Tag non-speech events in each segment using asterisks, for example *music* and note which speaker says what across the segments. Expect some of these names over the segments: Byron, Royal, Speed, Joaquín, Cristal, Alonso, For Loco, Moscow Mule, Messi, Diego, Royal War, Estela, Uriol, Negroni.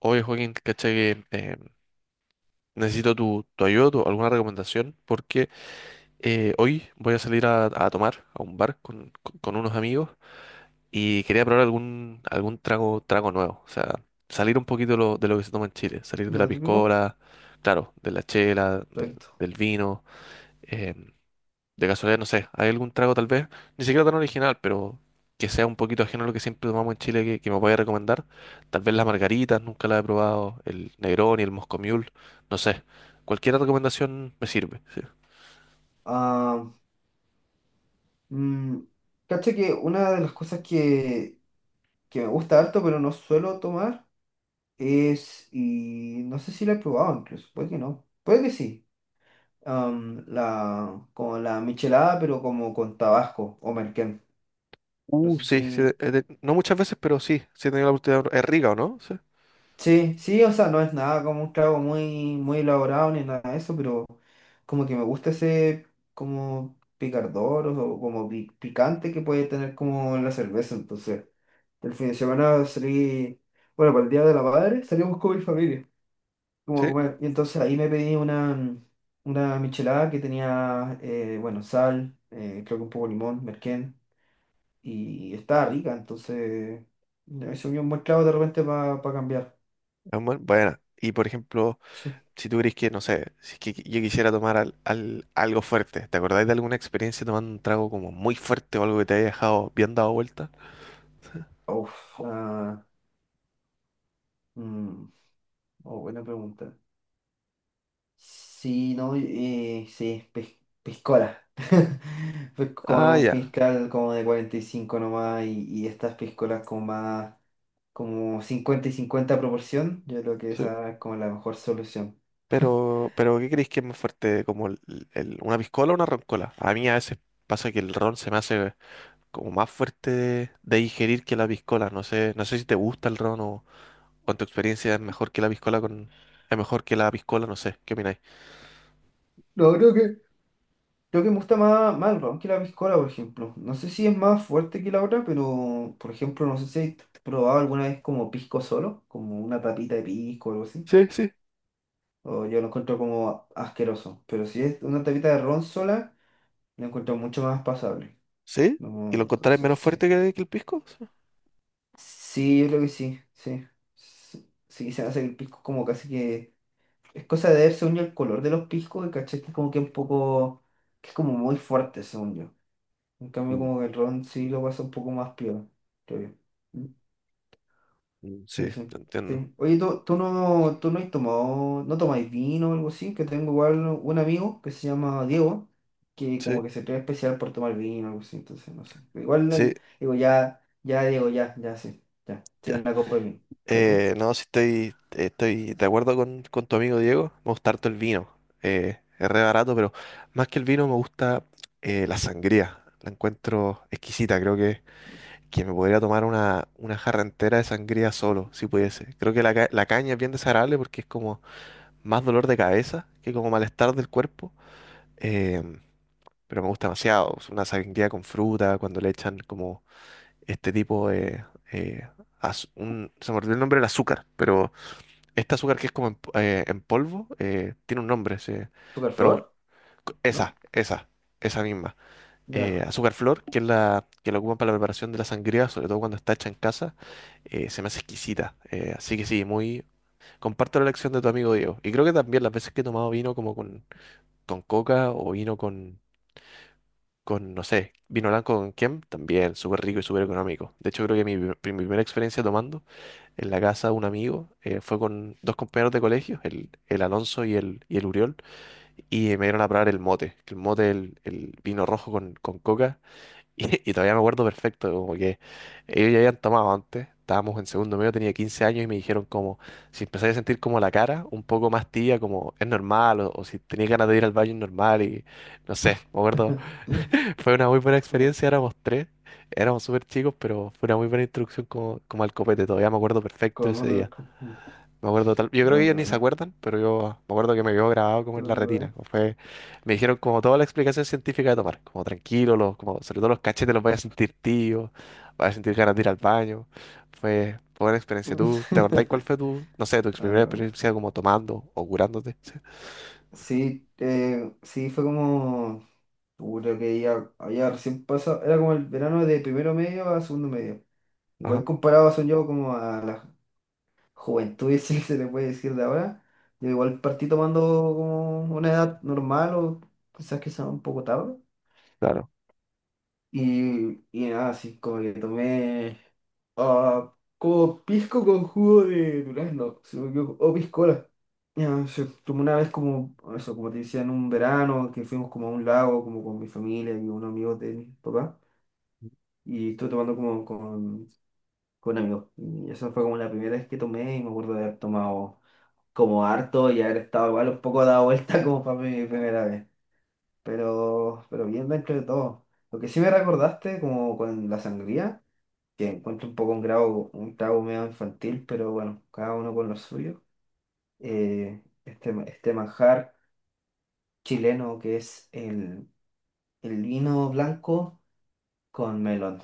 Speaker 1: Oye, Joaquín, ¿cachai? Que, necesito tu ayuda, alguna recomendación, porque hoy voy a salir a tomar a un bar con unos amigos y quería probar algún trago nuevo. O sea, salir un poquito de de lo que se toma en Chile, salir de
Speaker 2: De
Speaker 1: la
Speaker 2: lo típico.
Speaker 1: piscola, claro, de la chela,
Speaker 2: Perfecto.
Speaker 1: del vino. eh, de casualidad, no sé, ¿hay algún trago tal vez? Ni siquiera tan original, pero que sea un poquito ajeno a lo que siempre tomamos en Chile que me vaya a recomendar. Tal vez las margaritas, nunca las he probado, el Negroni, el Moscow Mule, no sé. Cualquier recomendación me sirve. Sí.
Speaker 2: Ah, mm, cacha que una de las cosas que me gusta harto, pero no suelo tomar, es, y no sé si la he probado incluso, puede que no, puede que sí, como la michelada, pero como con Tabasco o merquén. No sé
Speaker 1: Sí, sí,
Speaker 2: si...
Speaker 1: no muchas veces, pero sí, sí he tenido la oportunidad. Es rica, ¿o no? Sí,
Speaker 2: Sí, sí, o sea, no es nada como un trago muy, muy elaborado ni nada de eso, pero como que me gusta ese como picardor o como picante que puede tener como la cerveza. Entonces, el fin de semana salí, bueno, para el Día de la Madre salimos con mi familia, como a
Speaker 1: sí, es
Speaker 2: comer. Y entonces ahí me pedí una michelada que tenía, bueno, sal, creo que un poco de limón, merquén, y estaba rica, entonces me se unió un buen trago de repente para cambiar.
Speaker 1: buena. Y por ejemplo,
Speaker 2: Sí.
Speaker 1: si tú crees que, no sé, si es que yo quisiera tomar algo fuerte, ¿te acordáis de alguna experiencia tomando un trago como muy fuerte o algo que te haya dejado bien dado vuelta?
Speaker 2: Uf, ah, mm, oh, buena pregunta. Sí, no, sí, piscola. *laughs* Fue con
Speaker 1: Ah,
Speaker 2: un
Speaker 1: ya.
Speaker 2: piscal como de 45 nomás y estas piscolas como más, como 50 y cincuenta proporción, yo creo que
Speaker 1: Sí.
Speaker 2: esa es como la mejor solución. *laughs*
Speaker 1: Pero ¿qué creéis que es más fuerte? ¿Como una piscola o una roncola? A mí a veces pasa que el ron se me hace como más fuerte de digerir que la piscola. No sé, no sé si te gusta el ron o en tu experiencia es mejor que la piscola con, es mejor que la piscola, no sé, ¿qué opináis?
Speaker 2: No, creo que me gusta más, más el ron que la piscola, por ejemplo. No sé si es más fuerte que la otra, pero por ejemplo, no sé si has probado alguna vez como pisco solo, como una tapita de pisco o algo así.
Speaker 1: Sí, sí.
Speaker 2: O yo lo encuentro como asqueroso. Pero si es una tapita de ron sola, lo encuentro mucho más pasable.
Speaker 1: ¿Sí? ¿Y
Speaker 2: No,
Speaker 1: lo encontraréis
Speaker 2: entonces,
Speaker 1: menos
Speaker 2: sí.
Speaker 1: fuerte que el pisco? Sí,
Speaker 2: Sí, yo creo que sí, sí. Sí, sí, se hace el pisco como casi que... Es cosa de ver, según yo, el color de los piscos, el caché como que un poco... que es como muy fuerte, según yo. En cambio,
Speaker 1: mm,
Speaker 2: como que el ron sí lo pasa un poco más piola, creo yo.
Speaker 1: mm. Sí,
Speaker 2: Sí,
Speaker 1: te
Speaker 2: sí,
Speaker 1: entiendo.
Speaker 2: sí. Oye, ¿tú no has tomado, no tomáis vino o algo así? Que tengo igual un amigo que se llama Diego, que como
Speaker 1: Sí,
Speaker 2: que se cree especial por tomar vino o algo así, entonces no sé. Igual,
Speaker 1: sí.
Speaker 2: digo, ya, ya, Diego, ya, ya, sí, ya, sí, una copa de vino. ¿Pero tú?
Speaker 1: No, sí estoy, estoy de acuerdo con tu amigo Diego. Me gusta harto el vino. Es re barato, pero más que el vino me gusta la sangría. La encuentro exquisita. Creo que me podría tomar una jarra entera de sangría solo, si pudiese. Creo que la caña es bien desagradable porque es como más dolor de cabeza que como malestar del cuerpo. Em, pero me gusta demasiado. Es una sangría con fruta, cuando le echan como este tipo de eh, se me olvidó el nombre del azúcar, pero este azúcar que es como en polvo, tiene un nombre, sí. Pero bueno,
Speaker 2: Flor. ¿No?
Speaker 1: esa, esa misma.
Speaker 2: Ya.
Speaker 1: Azúcar flor, que es la que la ocupan para la preparación de la sangría, sobre todo cuando está hecha en casa, se me hace exquisita. Así que sí, muy... Comparto la elección de tu amigo Diego. Y creo que también las veces que he tomado vino como con coca o vino con, no sé, vino blanco con quién, también súper rico y súper económico. De hecho, creo que mi primera experiencia tomando en la casa de un amigo fue con dos compañeros de colegio, el Alonso y y el Uriol, y me dieron a probar el mote, que el mote, el vino rojo con coca, *laughs* y todavía me acuerdo perfecto, como que ellos ya habían tomado antes. Estábamos en segundo medio, tenía 15 años y me dijeron como si empecé a sentir como la cara un poco más tibia, como es normal, o si tenía ganas de ir al baño es normal, y no sé, me acuerdo
Speaker 2: *laughs*
Speaker 1: fue una muy buena
Speaker 2: No,
Speaker 1: experiencia, éramos tres, éramos súper chicos, pero fue una muy buena introducción como, como al copete, todavía me acuerdo perfecto
Speaker 2: Con
Speaker 1: ese
Speaker 2: otro-
Speaker 1: día.
Speaker 2: con- mm,
Speaker 1: Me acuerdo tal, yo creo que
Speaker 2: no, qué
Speaker 1: ellos ni se
Speaker 2: buena.
Speaker 1: acuerdan, pero yo me acuerdo que me quedó grabado como
Speaker 2: ¿Tú
Speaker 1: en
Speaker 2: lo
Speaker 1: la
Speaker 2: recordáis?
Speaker 1: retina. Como fue, me dijeron como toda la explicación científica de tomar, como tranquilo, los, como, sobre todo los cachetes los vas a sentir tío, vas a sentir ganas de ir al baño. Fue buena experiencia. ¿Tú te acordás cuál
Speaker 2: *laughs*
Speaker 1: fue tu, no sé, tu
Speaker 2: No,
Speaker 1: primera
Speaker 2: qué buena.
Speaker 1: experiencia como tomando o curándote? *laughs*
Speaker 2: Sí, sí, fue como. Puta que ya había recién pasado, era como el verano de primero medio a segundo medio.
Speaker 1: Ajá,
Speaker 2: Igual comparado, son yo, como a la juventud, *laughs* si se le puede decir de ahora, yo igual partí tomando como una edad normal o quizás que sea un poco tarde.
Speaker 1: claro.
Speaker 2: Y nada, así como que tomé como pisco con jugo de durazno, si no me equivoco, o piscola. Ya, se tomó una vez como, eso, como te decía, en un verano que fuimos como a un lago, como con mi familia y unos amigos de mi papá. Y estuve tomando como con amigos. Y esa fue como la primera vez que tomé y me acuerdo de haber tomado como harto y haber estado igual un poco dado vuelta *laughs* como para mi primera vez. Pero bien dentro de todo. Lo que sí me recordaste como con la sangría, que encuentro un poco un grado, un trago medio infantil, pero bueno, cada uno con lo suyo. Este este manjar chileno que es el vino blanco con melón.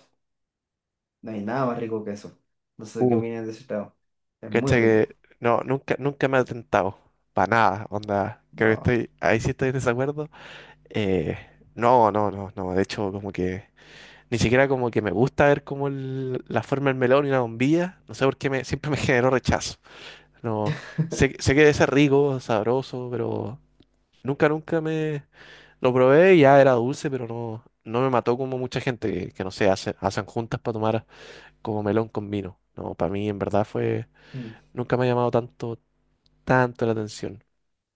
Speaker 2: No hay nada más rico que eso. No sé qué
Speaker 1: Uh,
Speaker 2: opinas de ese trago. Es muy
Speaker 1: cacha
Speaker 2: rico.
Speaker 1: que no, nunca, nunca me ha tentado. Para nada, onda. Creo que
Speaker 2: No.
Speaker 1: estoy, ahí sí estoy en desacuerdo. Eh, no, no, no, no. De hecho, como que ni siquiera como que me gusta ver como la forma del melón y la bombilla. No sé por qué me, siempre me *laughs* generó rechazo. No, sé, sé que debe ser rico, sabroso, pero nunca, nunca me lo probé, y ya era dulce, pero no, no me mató como mucha gente que no sé, hacen juntas para tomar como melón con vino. No, para mí en verdad fue,
Speaker 2: Mm.
Speaker 1: nunca me ha llamado tanto, tanto la atención.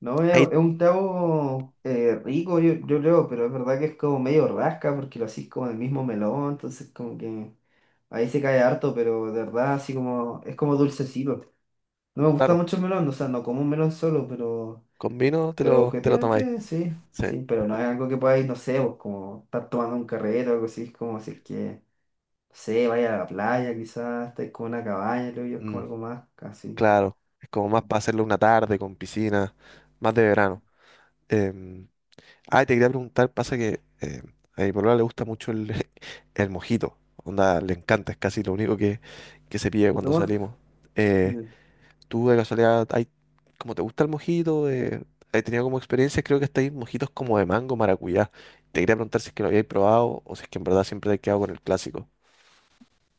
Speaker 2: No, es,
Speaker 1: Ahí,
Speaker 2: es un trago rico, yo creo, pero es verdad que es como medio rasca porque lo hacís como el mismo melón, entonces como que ahí se cae harto, pero de verdad así como es como dulcecito. No me gusta
Speaker 1: claro,
Speaker 2: mucho el melón, o sea, no como un melón solo, pero,
Speaker 1: con vino te lo tomáis.
Speaker 2: objetivamente sí,
Speaker 1: Sí,
Speaker 2: sí, pero no es algo que podáis, no sé, vos como estar tomando un carrete o algo así, es como si es que sé, vaya a la playa, quizás estáis con una cabaña, creo yo, es
Speaker 1: mm,
Speaker 2: como algo más casi.
Speaker 1: claro, es como más para hacerlo una tarde con piscina, más de verano. Em, Ah, te quería preguntar, pasa que a mi polola le gusta mucho el, *laughs* el mojito. Onda, le encanta, es casi lo único que se pide
Speaker 2: ¿Te
Speaker 1: cuando
Speaker 2: tomas?
Speaker 1: salimos. Eh,
Speaker 2: Mm.
Speaker 1: ¿Tú de casualidad, hay, como te gusta el mojito? He tenido como experiencias, creo que hasta hay mojitos como de mango, maracuyá. Te quería preguntar si es que lo habíais probado o si es que en verdad siempre te has quedado con el clásico.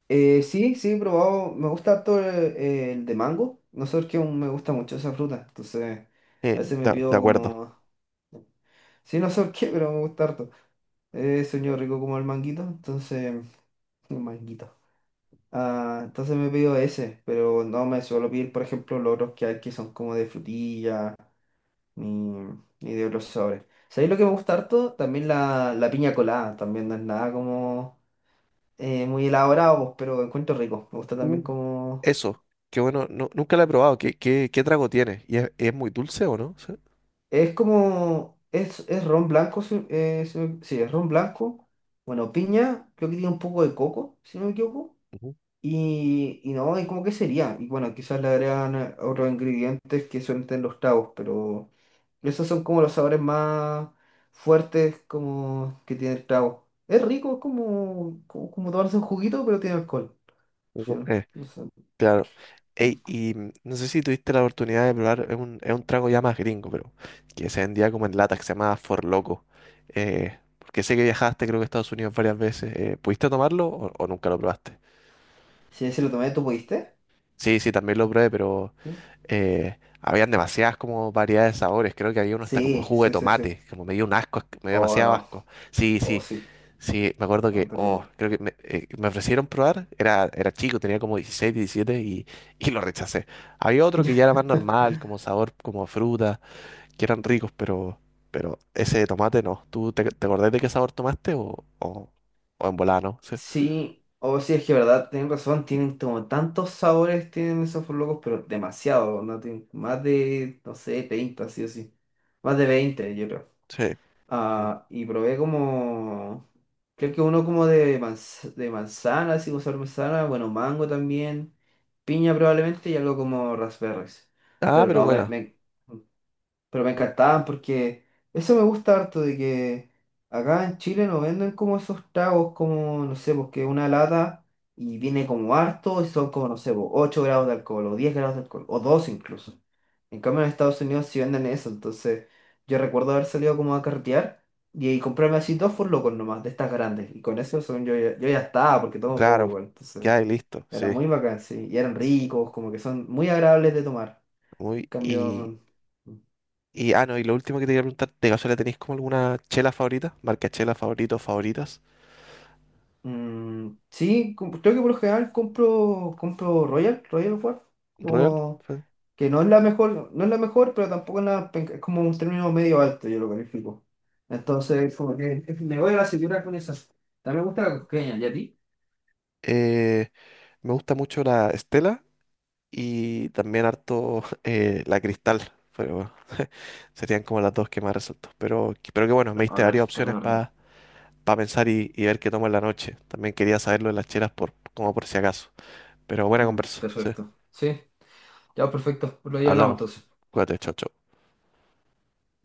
Speaker 2: Sí, sí, he probado. Me gusta harto el de mango. No sé por qué aún me gusta mucho esa fruta. Entonces, a veces me
Speaker 1: De
Speaker 2: pido
Speaker 1: acuerdo.
Speaker 2: como. Sí, no sé por qué, pero me gusta harto. Sueño rico como el manguito. Entonces, un manguito. Ah, entonces me pido ese, pero no me suelo pedir, por ejemplo, los otros que hay que son como de frutilla ni, ni de otros sobres. ¿Sabéis lo que me gusta harto? También la piña colada, también no es nada como muy elaborado, pues, pero encuentro rico. Me gusta también
Speaker 1: Uh,
Speaker 2: como...
Speaker 1: Eso, qué bueno, no, nunca lo he probado. ¿Qué, qué, qué trago tiene? ¿Y es muy dulce o no? Sí.
Speaker 2: Es como... Es ron blanco, sí, es ron blanco. Bueno, piña, creo que tiene un poco de coco, si no me equivoco. Y no, y como que sería. Y bueno, quizás le agregan otros ingredientes que suelen tener los tragos, pero... Esos son como los sabores más fuertes como que tiene el trago. Es rico, es como, tomarse un juguito, pero tiene alcohol. Sí,
Speaker 1: Ujú.
Speaker 2: no sé.
Speaker 1: Claro. Ey, y mm, no sé si tuviste la oportunidad de probar, es un trago ya más gringo, pero que se vendía como en lata, que se llamaba For Loco. Porque sé que viajaste, creo que a Estados Unidos varias veces. ¿Pudiste tomarlo o nunca lo probaste?
Speaker 2: Sí, sí, lo tomé, ¿tú pudiste?
Speaker 1: Sí, sí, también lo probé, pero habían demasiadas como variedades de sabores. Creo que había uno hasta como de
Speaker 2: Sí,
Speaker 1: jugo de
Speaker 2: sí, sí, sí, sí.
Speaker 1: tomate, como me dio un asco, me dio
Speaker 2: Oh,
Speaker 1: demasiado
Speaker 2: no.
Speaker 1: asco. Sí,
Speaker 2: Oh,
Speaker 1: sí,
Speaker 2: sí.
Speaker 1: sí, me acuerdo
Speaker 2: Oh,
Speaker 1: que, oh,
Speaker 2: terrible.
Speaker 1: creo que me, me ofrecieron probar, era, era chico, tenía como 16 17 y lo rechacé. Había otro que ya era
Speaker 2: *laughs*
Speaker 1: más normal, como sabor, como fruta, que eran ricos, pero ese de tomate no. ¿Tú te, te acordás de qué sabor tomaste o en volada, no? Sí.
Speaker 2: Sí, o sí, es que verdad, tienen razón, tienen como tantos sabores, tienen esos locos, pero demasiado, ¿no? Tienen más de, no sé, 30, sí o sí. Más de 20 yo creo.
Speaker 1: Sí. Mm.
Speaker 2: Ah, y probé como, creo que uno como de, de manzana, así como sabor manzana, bueno, mango también, piña probablemente y algo como raspberries.
Speaker 1: Ah,
Speaker 2: Pero
Speaker 1: pero
Speaker 2: no, me,
Speaker 1: bueno,
Speaker 2: me pero me encantaban porque eso me gusta harto de que acá en Chile no venden como esos tragos como, no sé, porque una lata y viene como harto y son como, no sé, po, 8 grados de alcohol o 10 grados de alcohol o 2 incluso. En cambio en Estados Unidos sí venden eso, entonces yo recuerdo haber salido como a carretear y comprarme así dos locos nomás, de estas grandes. Y con eso según yo, yo ya estaba porque tomo poco
Speaker 1: claro,
Speaker 2: igual, entonces
Speaker 1: ya y listo, sí.
Speaker 2: era muy bacán, sí. Y eran
Speaker 1: S-
Speaker 2: ricos, como que son muy agradables de tomar.
Speaker 1: muy,
Speaker 2: En
Speaker 1: y,
Speaker 2: cambio...
Speaker 1: Y, ah, no, y lo último que te quería preguntar, ¿de casualidad tenéis como alguna chela favorita? Marca chela favorito, favoritas.
Speaker 2: Sí, creo que por lo general compro Royal, Royal War,
Speaker 1: Royal.
Speaker 2: como
Speaker 1: Sí.
Speaker 2: que no es la mejor, no es la mejor, pero tampoco es, es como un término medio alto, yo lo califico. Entonces, como que me voy a la segura con esas. También me gusta la cosqueña, ¿y a ti?
Speaker 1: Eh, me gusta mucho la Estela y también harto *laughs* la Cristal. Pero bueno, *laughs* serían como las dos que más resalto. Pero que bueno, me
Speaker 2: Oh,
Speaker 1: diste
Speaker 2: la
Speaker 1: varias
Speaker 2: lista, la
Speaker 1: opciones
Speaker 2: horrible.
Speaker 1: para pensar y ver qué tomo en la noche. También quería saber lo de las chelas por, como por si acaso. Pero buena conversa, sí.
Speaker 2: Perfecto. Sí, ya perfecto, lo ya hablamos
Speaker 1: Hablamos.
Speaker 2: entonces.
Speaker 1: Cuídate, chao, chao.